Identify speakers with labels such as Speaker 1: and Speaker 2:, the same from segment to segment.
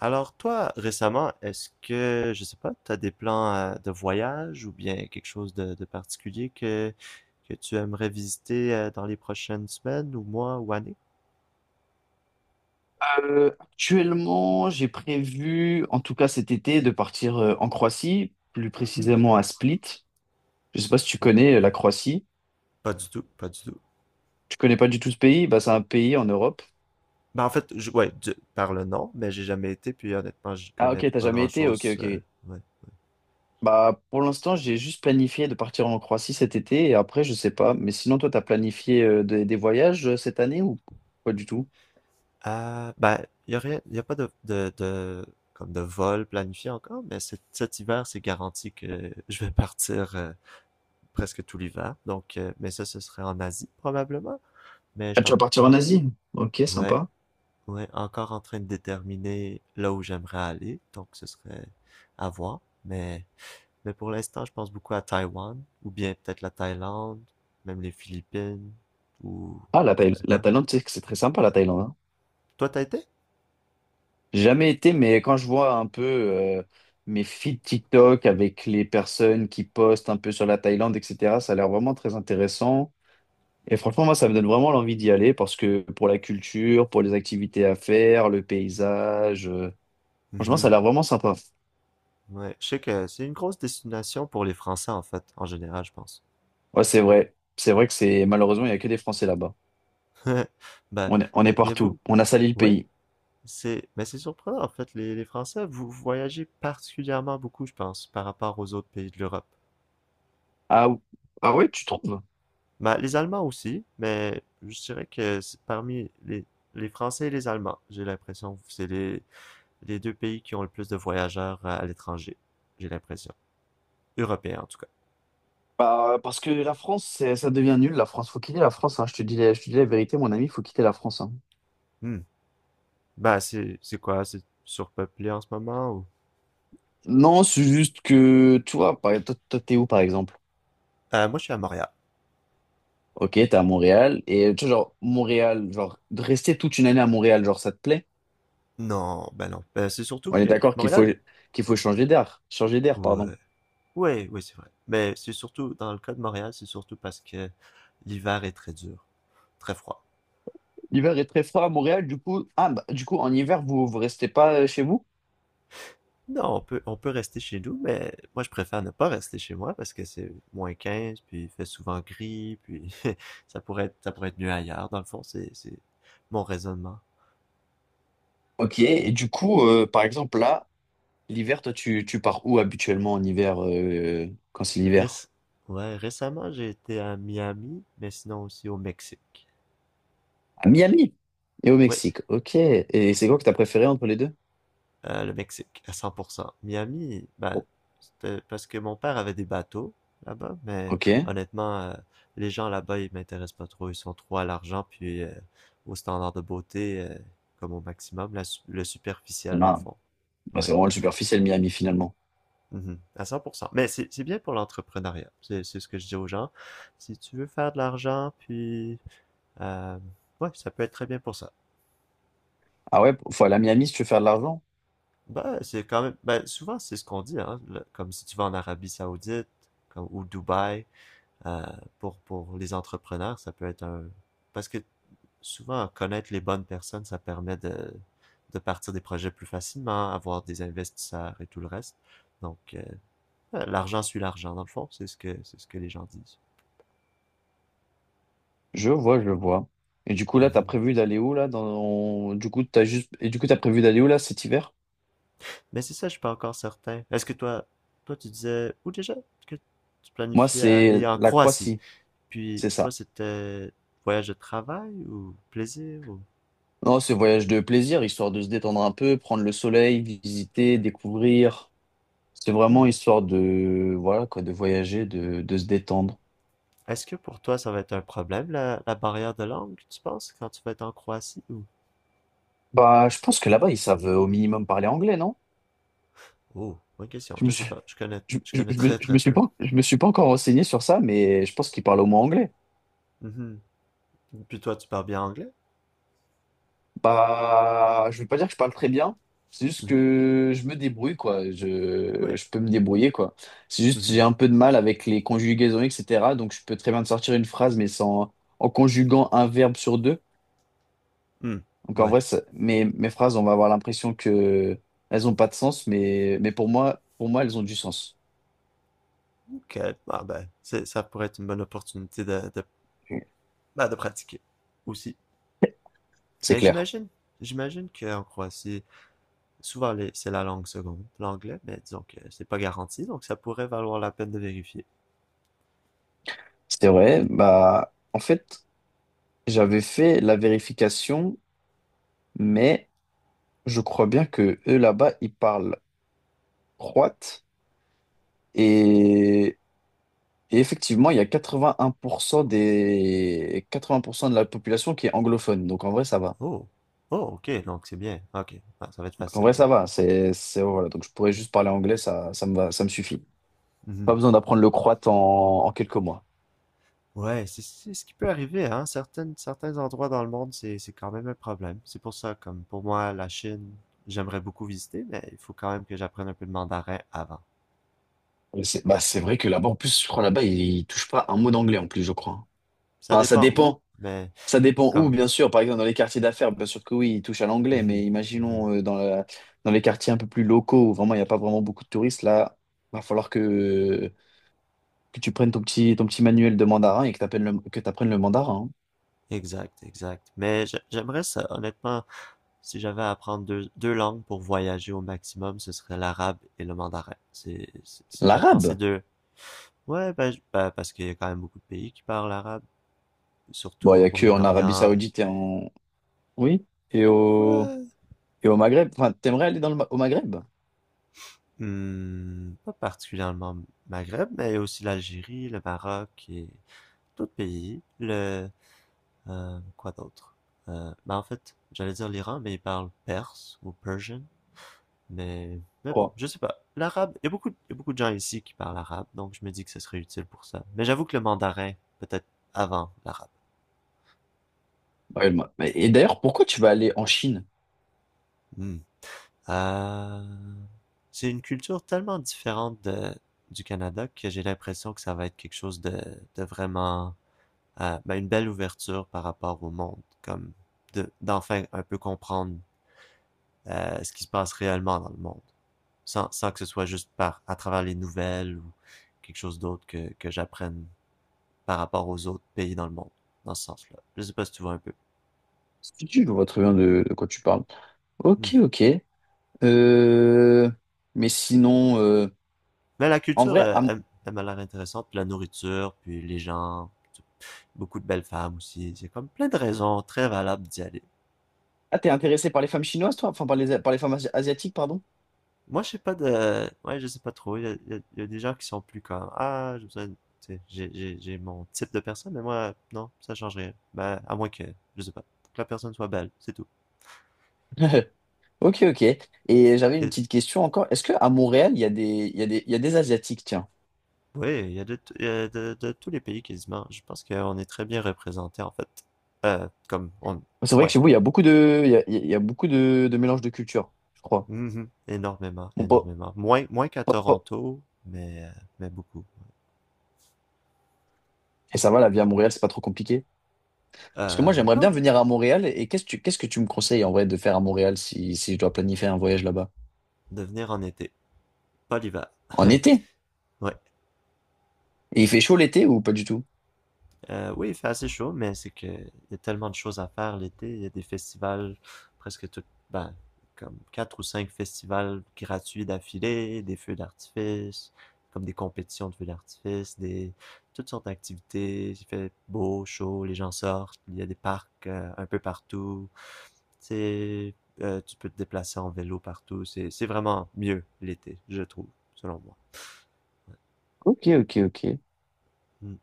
Speaker 1: Alors toi, récemment, est-ce que, je sais pas, t'as des plans de voyage ou bien quelque chose de particulier que tu aimerais visiter dans les prochaines semaines ou mois ou années?
Speaker 2: Actuellement, j'ai prévu, en tout cas cet été, de partir en Croatie, plus
Speaker 1: Hmm,
Speaker 2: précisément à Split. Je sais pas si tu
Speaker 1: ok.
Speaker 2: connais la Croatie.
Speaker 1: Pas du tout, pas du tout.
Speaker 2: Tu connais pas du tout ce pays? Bah, c'est un pays en Europe.
Speaker 1: Ben en fait, ouais, par le nom, mais j'ai jamais été, puis honnêtement, j'y
Speaker 2: Ah
Speaker 1: connais
Speaker 2: ok, t'as
Speaker 1: pas
Speaker 2: jamais été? Ok,
Speaker 1: grand-chose.
Speaker 2: ok.
Speaker 1: Ouais.
Speaker 2: Bah, pour l'instant, j'ai juste planifié de partir en Croatie cet été et après, je sais pas. Mais sinon, toi, t'as planifié des voyages cette année ou pas du tout?
Speaker 1: Ben, y a rien, y a pas comme de vol planifié encore, mais cet hiver, c'est garanti que je vais partir presque tout l'hiver. Donc, mais ça, ce serait en Asie probablement. Mais je
Speaker 2: Ah,
Speaker 1: suis
Speaker 2: tu
Speaker 1: en-
Speaker 2: vas partir en
Speaker 1: en-
Speaker 2: Asie? Ok,
Speaker 1: ouais,
Speaker 2: sympa.
Speaker 1: ouais, encore en train de déterminer là où j'aimerais aller. Donc, ce serait à voir. Mais, mais pour l'instant, je pense beaucoup à Taïwan ou bien peut-être la Thaïlande, même les Philippines ou
Speaker 2: Ah,
Speaker 1: je sais
Speaker 2: La
Speaker 1: pas.
Speaker 2: Thaïlande, tu c'est très sympa, la Thaïlande, hein.
Speaker 1: Toi, t'as été?
Speaker 2: Jamais été, mais quand je vois un peu mes feeds TikTok avec les personnes qui postent un peu sur la Thaïlande, etc., ça a l'air vraiment très intéressant. Et franchement, moi, ça me donne vraiment l'envie d'y aller parce que pour la culture, pour les activités à faire, le paysage, franchement, ça
Speaker 1: Mhm.
Speaker 2: a l'air vraiment sympa.
Speaker 1: Ouais, je sais que c'est une grosse destination pour les Français en fait, en général, je pense.
Speaker 2: Ouais, c'est vrai. C'est vrai que c'est malheureusement, il n'y a que des Français là-bas.
Speaker 1: Ben,
Speaker 2: On est
Speaker 1: y a beaucoup.
Speaker 2: partout. On a sali le
Speaker 1: Ouais.
Speaker 2: pays.
Speaker 1: C'est, mais c'est surprenant en fait, les Français, vous voyagez particulièrement beaucoup, je pense, par rapport aux autres pays de l'Europe.
Speaker 2: Ah, ou- ah ouais, tu trouves?
Speaker 1: Bah, les Allemands aussi, mais je dirais que c'est parmi les Français et les Allemands, j'ai l'impression, que c'est les deux pays qui ont le plus de voyageurs à l'étranger, j'ai l'impression. Européens en tout cas.
Speaker 2: Bah, parce que la France, c'est- ça devient nul. La France, faut quitter la France, hein. Je te dis, je te dis la vérité, mon ami, faut quitter la France, hein.
Speaker 1: Hmm. Bah, c'est quoi, c'est surpeuplé en ce moment ou?
Speaker 2: Non, c'est juste que, tu vois, par, toi, toi, t'es où, par exemple?
Speaker 1: Moi, je suis à Montréal.
Speaker 2: Ok, t'es à Montréal. Et tu vois, genre, Montréal, genre, de rester toute une année à Montréal, genre, ça te plaît?
Speaker 1: Non, ben non. Ben, c'est surtout
Speaker 2: On est
Speaker 1: que
Speaker 2: d'accord
Speaker 1: Montréal.
Speaker 2: qu'il faut changer d'air. Changer d'air, pardon.
Speaker 1: Ouais. Oui, oui, c'est vrai. Mais c'est surtout, dans le cas de Montréal, c'est surtout parce que l'hiver est très dur, très froid.
Speaker 2: L'hiver est très froid à Montréal, du coup, ah, bah, du coup, en hiver, vous, vous restez pas chez vous?
Speaker 1: Non, on peut rester chez nous, mais moi, je préfère ne pas rester chez moi parce que c'est moins 15, puis il fait souvent gris, puis ça pourrait être mieux ailleurs. Dans le fond, c'est mon raisonnement.
Speaker 2: Ok, et du coup, par exemple, là, l'hiver, toi, tu pars où habituellement en hiver, quand c'est l'hiver?
Speaker 1: Réc- ouais, récemment, j'ai été à Miami, mais sinon aussi au Mexique.
Speaker 2: À Miami et au
Speaker 1: Oui.
Speaker 2: Mexique. Ok. Et c'est quoi que t'as préféré entre les deux?
Speaker 1: Le Mexique, à 100%. Miami, bah,
Speaker 2: Bon.
Speaker 1: c'était parce que mon père avait des bateaux là-bas, mais
Speaker 2: Ok.
Speaker 1: honnêtement, les gens là-bas, ils m'intéressent pas trop. Ils sont trop à l'argent, puis au standard de beauté, comme au maximum, le
Speaker 2: Ah,
Speaker 1: superficiel dans le fond.
Speaker 2: bah,
Speaker 1: Ouais.
Speaker 2: c'est vraiment le superficiel Miami finalement.
Speaker 1: Mhm. À 100%. Mais c'est bien pour l'entrepreneuriat. C'est ce que je dis aux gens. Si tu veux faire de l'argent, puis... euh, ouais, ça peut être très bien pour ça.
Speaker 2: Ah ouais, faut aller à Miami si tu veux faire de l'argent.
Speaker 1: Ben, c'est quand même, ben, souvent c'est ce qu'on dit, hein, comme si tu vas en Arabie Saoudite, comme, ou Dubaï, euh, pour les entrepreneurs, ça peut être un, parce que souvent connaître les bonnes personnes, ça permet de partir des projets plus facilement, avoir des investisseurs et tout le reste. Donc, l'argent suit l'argent, dans le fond, c'est ce que les gens disent.
Speaker 2: Je vois, je vois. Et du coup là, t'as
Speaker 1: Mhm.
Speaker 2: prévu d'aller où là dans... Du coup, t'as juste... Et du coup, t'as prévu d'aller où là cet hiver?
Speaker 1: Mais c'est ça, je suis pas encore certain. Est-ce que toi, toi tu disais, ou déjà, que tu
Speaker 2: Moi,
Speaker 1: planifiais
Speaker 2: c'est
Speaker 1: aller en
Speaker 2: la
Speaker 1: Croatie?
Speaker 2: Croatie,
Speaker 1: Puis
Speaker 2: c'est
Speaker 1: toi,
Speaker 2: ça.
Speaker 1: c'était voyage de travail ou plaisir ou...
Speaker 2: Non, c'est voyage de plaisir, histoire de se détendre un peu, prendre le soleil, visiter, découvrir. C'est vraiment
Speaker 1: Hmm.
Speaker 2: histoire de, voilà quoi, de voyager, de se détendre.
Speaker 1: Est-ce que pour toi, ça va être un problème, la barrière de langue, tu penses, quand tu vas être en Croatie ou...
Speaker 2: Bah, je pense que là-bas, ils savent au minimum parler anglais, non?
Speaker 1: Oh, bonne question,
Speaker 2: Je me
Speaker 1: je sais
Speaker 2: suis,
Speaker 1: pas, je connais très
Speaker 2: je
Speaker 1: très
Speaker 2: me suis
Speaker 1: peu.
Speaker 2: pas, je me suis pas encore renseigné sur ça, mais je pense qu'ils parlent au moins anglais.
Speaker 1: Mhm. Puis toi, tu parles bien anglais?
Speaker 2: Bah, je vais pas dire que je parle très bien. C'est juste
Speaker 1: Mhm.
Speaker 2: que je me débrouille, quoi.
Speaker 1: Oui.
Speaker 2: Je peux me débrouiller, quoi. C'est juste que
Speaker 1: Mhm.
Speaker 2: j'ai un peu de mal avec les conjugaisons, etc. Donc, je peux très bien te sortir une phrase, mais sans, en conjuguant un verbe sur deux.
Speaker 1: Hmm.
Speaker 2: Donc, en
Speaker 1: Ouais.
Speaker 2: vrai, ça- mes phrases, on va avoir l'impression que elles ont pas de sens, mais pour moi, elles ont du sens.
Speaker 1: Ok. Ah ben, c'est, ça pourrait être une bonne opportunité ben, de pratiquer aussi.
Speaker 2: C'est
Speaker 1: Mais
Speaker 2: clair.
Speaker 1: j'imagine, j'imagine qu'en Croatie, souvent, c'est la langue seconde, l'anglais, mais disons que c'est pas garanti, donc ça pourrait valoir la peine de vérifier.
Speaker 2: C'est vrai, bah en fait, j'avais fait la vérification, mais je crois bien que eux là-bas, ils parlent croate et, et effectivement, il y a 81% des 80% de la population qui est anglophone. Donc en vrai, ça va.
Speaker 1: Oh, oh, ok, donc c'est bien. Ok, ah, ça va être
Speaker 2: Donc, en
Speaker 1: facile
Speaker 2: vrai, ça
Speaker 1: alors.
Speaker 2: va, c'est voilà, donc je pourrais juste parler anglais, ça me va, ça me suffit. Pas
Speaker 1: Mhm.
Speaker 2: besoin d'apprendre le croate en, en quelques mois.
Speaker 1: Ouais, c'est ce qui peut arriver, hein. Certains endroits dans le monde, c'est quand même un problème. C'est pour ça, comme pour moi, la Chine, j'aimerais beaucoup visiter, mais il faut quand même que j'apprenne un peu de mandarin avant.
Speaker 2: Et c'est bah c'est vrai que là-bas en plus, je crois là-bas, ils touchent pas un mot d'anglais en plus, je crois.
Speaker 1: Ça
Speaker 2: Enfin, ça
Speaker 1: dépend où,
Speaker 2: dépend.
Speaker 1: mais
Speaker 2: Ça dépend où,
Speaker 1: comme.
Speaker 2: bien sûr. Par exemple, dans les quartiers d'affaires, bien sûr que oui, ils touchent à l'anglais,
Speaker 1: Mhm,
Speaker 2: mais
Speaker 1: mhm.
Speaker 2: imaginons dans les quartiers un peu plus locaux où vraiment il n'y a pas vraiment beaucoup de touristes, là, va falloir que tu prennes ton petit manuel de mandarin et que t'apprennes le mandarin, hein.
Speaker 1: Exact, exact. Mais j'aimerais ça, honnêtement. Si j'avais à apprendre deux langues pour voyager au maximum, ce serait l'arabe et le mandarin. C'est, si j'apprends ces
Speaker 2: L'arabe.
Speaker 1: deux, ouais, ben, parce qu'il y a quand même beaucoup de pays qui parlent arabe, surtout
Speaker 2: Bon, il n'y
Speaker 1: au
Speaker 2: a que en Arabie
Speaker 1: Moyen-Orient.
Speaker 2: Saoudite et en. Oui.
Speaker 1: Ouais,
Speaker 2: Et au Maghreb. Enfin, t'aimerais aller dans le, au Maghreb, je
Speaker 1: hmm, pas particulièrement Maghreb, mais aussi l'Algérie, le Maroc et d'autres pays. Le, quoi d'autre? Ben en fait, j'allais dire l'Iran, mais ils parlent perse ou persian. Mais bon,
Speaker 2: crois.
Speaker 1: je sais pas. L'arabe, il y a beaucoup, il y a beaucoup de gens ici qui parlent arabe, donc je me dis que ce serait utile pour ça. Mais j'avoue que le mandarin, peut-être avant l'arabe.
Speaker 2: Ouais, et d'ailleurs, pourquoi tu vas aller en Chine?
Speaker 1: Hmm. Euh, c'est une culture tellement différente de, du Canada que j'ai l'impression que ça va être quelque chose de vraiment, ben, une belle ouverture par rapport au monde, comme de, d'enfin un peu comprendre ce qui se passe réellement dans le monde, sans que ce soit juste par, à travers les nouvelles ou quelque chose d'autre que j'apprenne par rapport aux autres pays dans le monde, dans ce sens-là. Je sais pas si tu vois un peu.
Speaker 2: Si tu vois très bien de quoi tu parles.
Speaker 1: Hmm.
Speaker 2: Ok, ok. Euh, mais sinon,
Speaker 1: Mais la
Speaker 2: en
Speaker 1: culture,
Speaker 2: vrai,
Speaker 1: elle, elle m'a l'air intéressante, puis la nourriture, puis les gens, beaucoup de belles femmes aussi. C'est comme plein de raisons très valables d'y aller.
Speaker 2: ah, t'es intéressé par les femmes chinoises, toi? Enfin, par les femmes asiatiques, pardon?
Speaker 1: Moi, je sais pas de... Ouais, je sais pas trop. Il y a des gens qui sont plus comme... Ah, tu sais, j'ai mon type de personne, mais moi, non, ça change rien. Ben, à moins que, je sais pas, que la personne soit belle, c'est tout.
Speaker 2: Ok, ok. Et j'avais une
Speaker 1: Et
Speaker 2: petite question encore. Est-ce que à Montréal, il y a des, il y a des, il y a des Asiatiques, tiens?
Speaker 1: oui, il y a de, t- il y a de tous les pays quasiment. Je pense qu'on est très bien représenté en fait. Comme on,
Speaker 2: C'est vrai que
Speaker 1: ouais,
Speaker 2: chez vous, il y a beaucoup de, il y a beaucoup de mélange de cultures, je crois.
Speaker 1: mhm. Énormément,
Speaker 2: Bon,
Speaker 1: énormément. Moins, moins qu'à
Speaker 2: pas- pas- pas-
Speaker 1: Toronto, mais, euh, mais beaucoup.
Speaker 2: Et ça va, la vie à Montréal, c'est pas trop compliqué. Parce que moi, j'aimerais bien
Speaker 1: Non,
Speaker 2: venir à Montréal. Et qu'est-ce que tu me conseilles en vrai de faire à Montréal si, si je dois planifier un voyage là-bas?
Speaker 1: de venir en été, pas l'hiver.
Speaker 2: En été?
Speaker 1: Ouais.
Speaker 2: Et il fait chaud l'été ou pas du tout?
Speaker 1: Oui, il fait assez chaud, mais c'est que il y a tellement de choses à faire l'été. Il y a des festivals, presque tout, ben, comme quatre ou cinq festivals gratuits d'affilée, des feux d'artifice, comme des compétitions de feux d'artifice, des toutes sortes d'activités. Il fait beau, chaud, les gens sortent. Il y a des parcs un peu partout. C'est, tu peux te déplacer en vélo partout. C'est vraiment mieux l'été, je trouve, selon moi.
Speaker 2: Ok, ok, ok. Et
Speaker 1: Mm.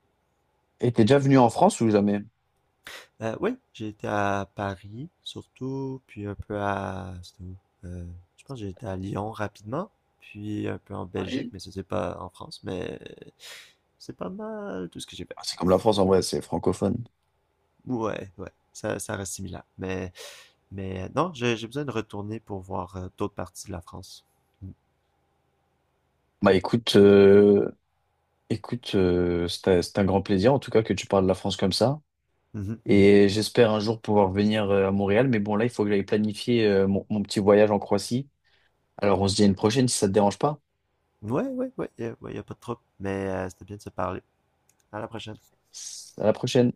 Speaker 2: t'es déjà venu en France ou jamais?
Speaker 1: Oui, j'ai été à Paris, surtout, puis un peu à... C'était où? Euh, je pense que j'ai été à Lyon rapidement, puis un peu en Belgique, mais ça c'est pas en France, mais c'est pas mal tout ce que j'ai fait.
Speaker 2: Ah, c'est comme la France en vrai, c'est francophone.
Speaker 1: Ouais, ouais, ça reste similaire. Mais non, j'ai besoin de retourner pour voir d'autres parties de la France.
Speaker 2: Bah écoute, écoute, c'est un grand plaisir en tout cas que tu parles de la France comme ça.
Speaker 1: Mhm, mhm.
Speaker 2: Et j'espère un jour pouvoir venir à Montréal. Mais bon, là, il faut que j'aille planifier mon petit voyage en Croatie. Alors on se dit à une prochaine si ça te dérange pas.
Speaker 1: Ouais, ouais, ouais, ouais, y a pas de trouble, mais c'était bien de se parler. À la prochaine.
Speaker 2: À la prochaine.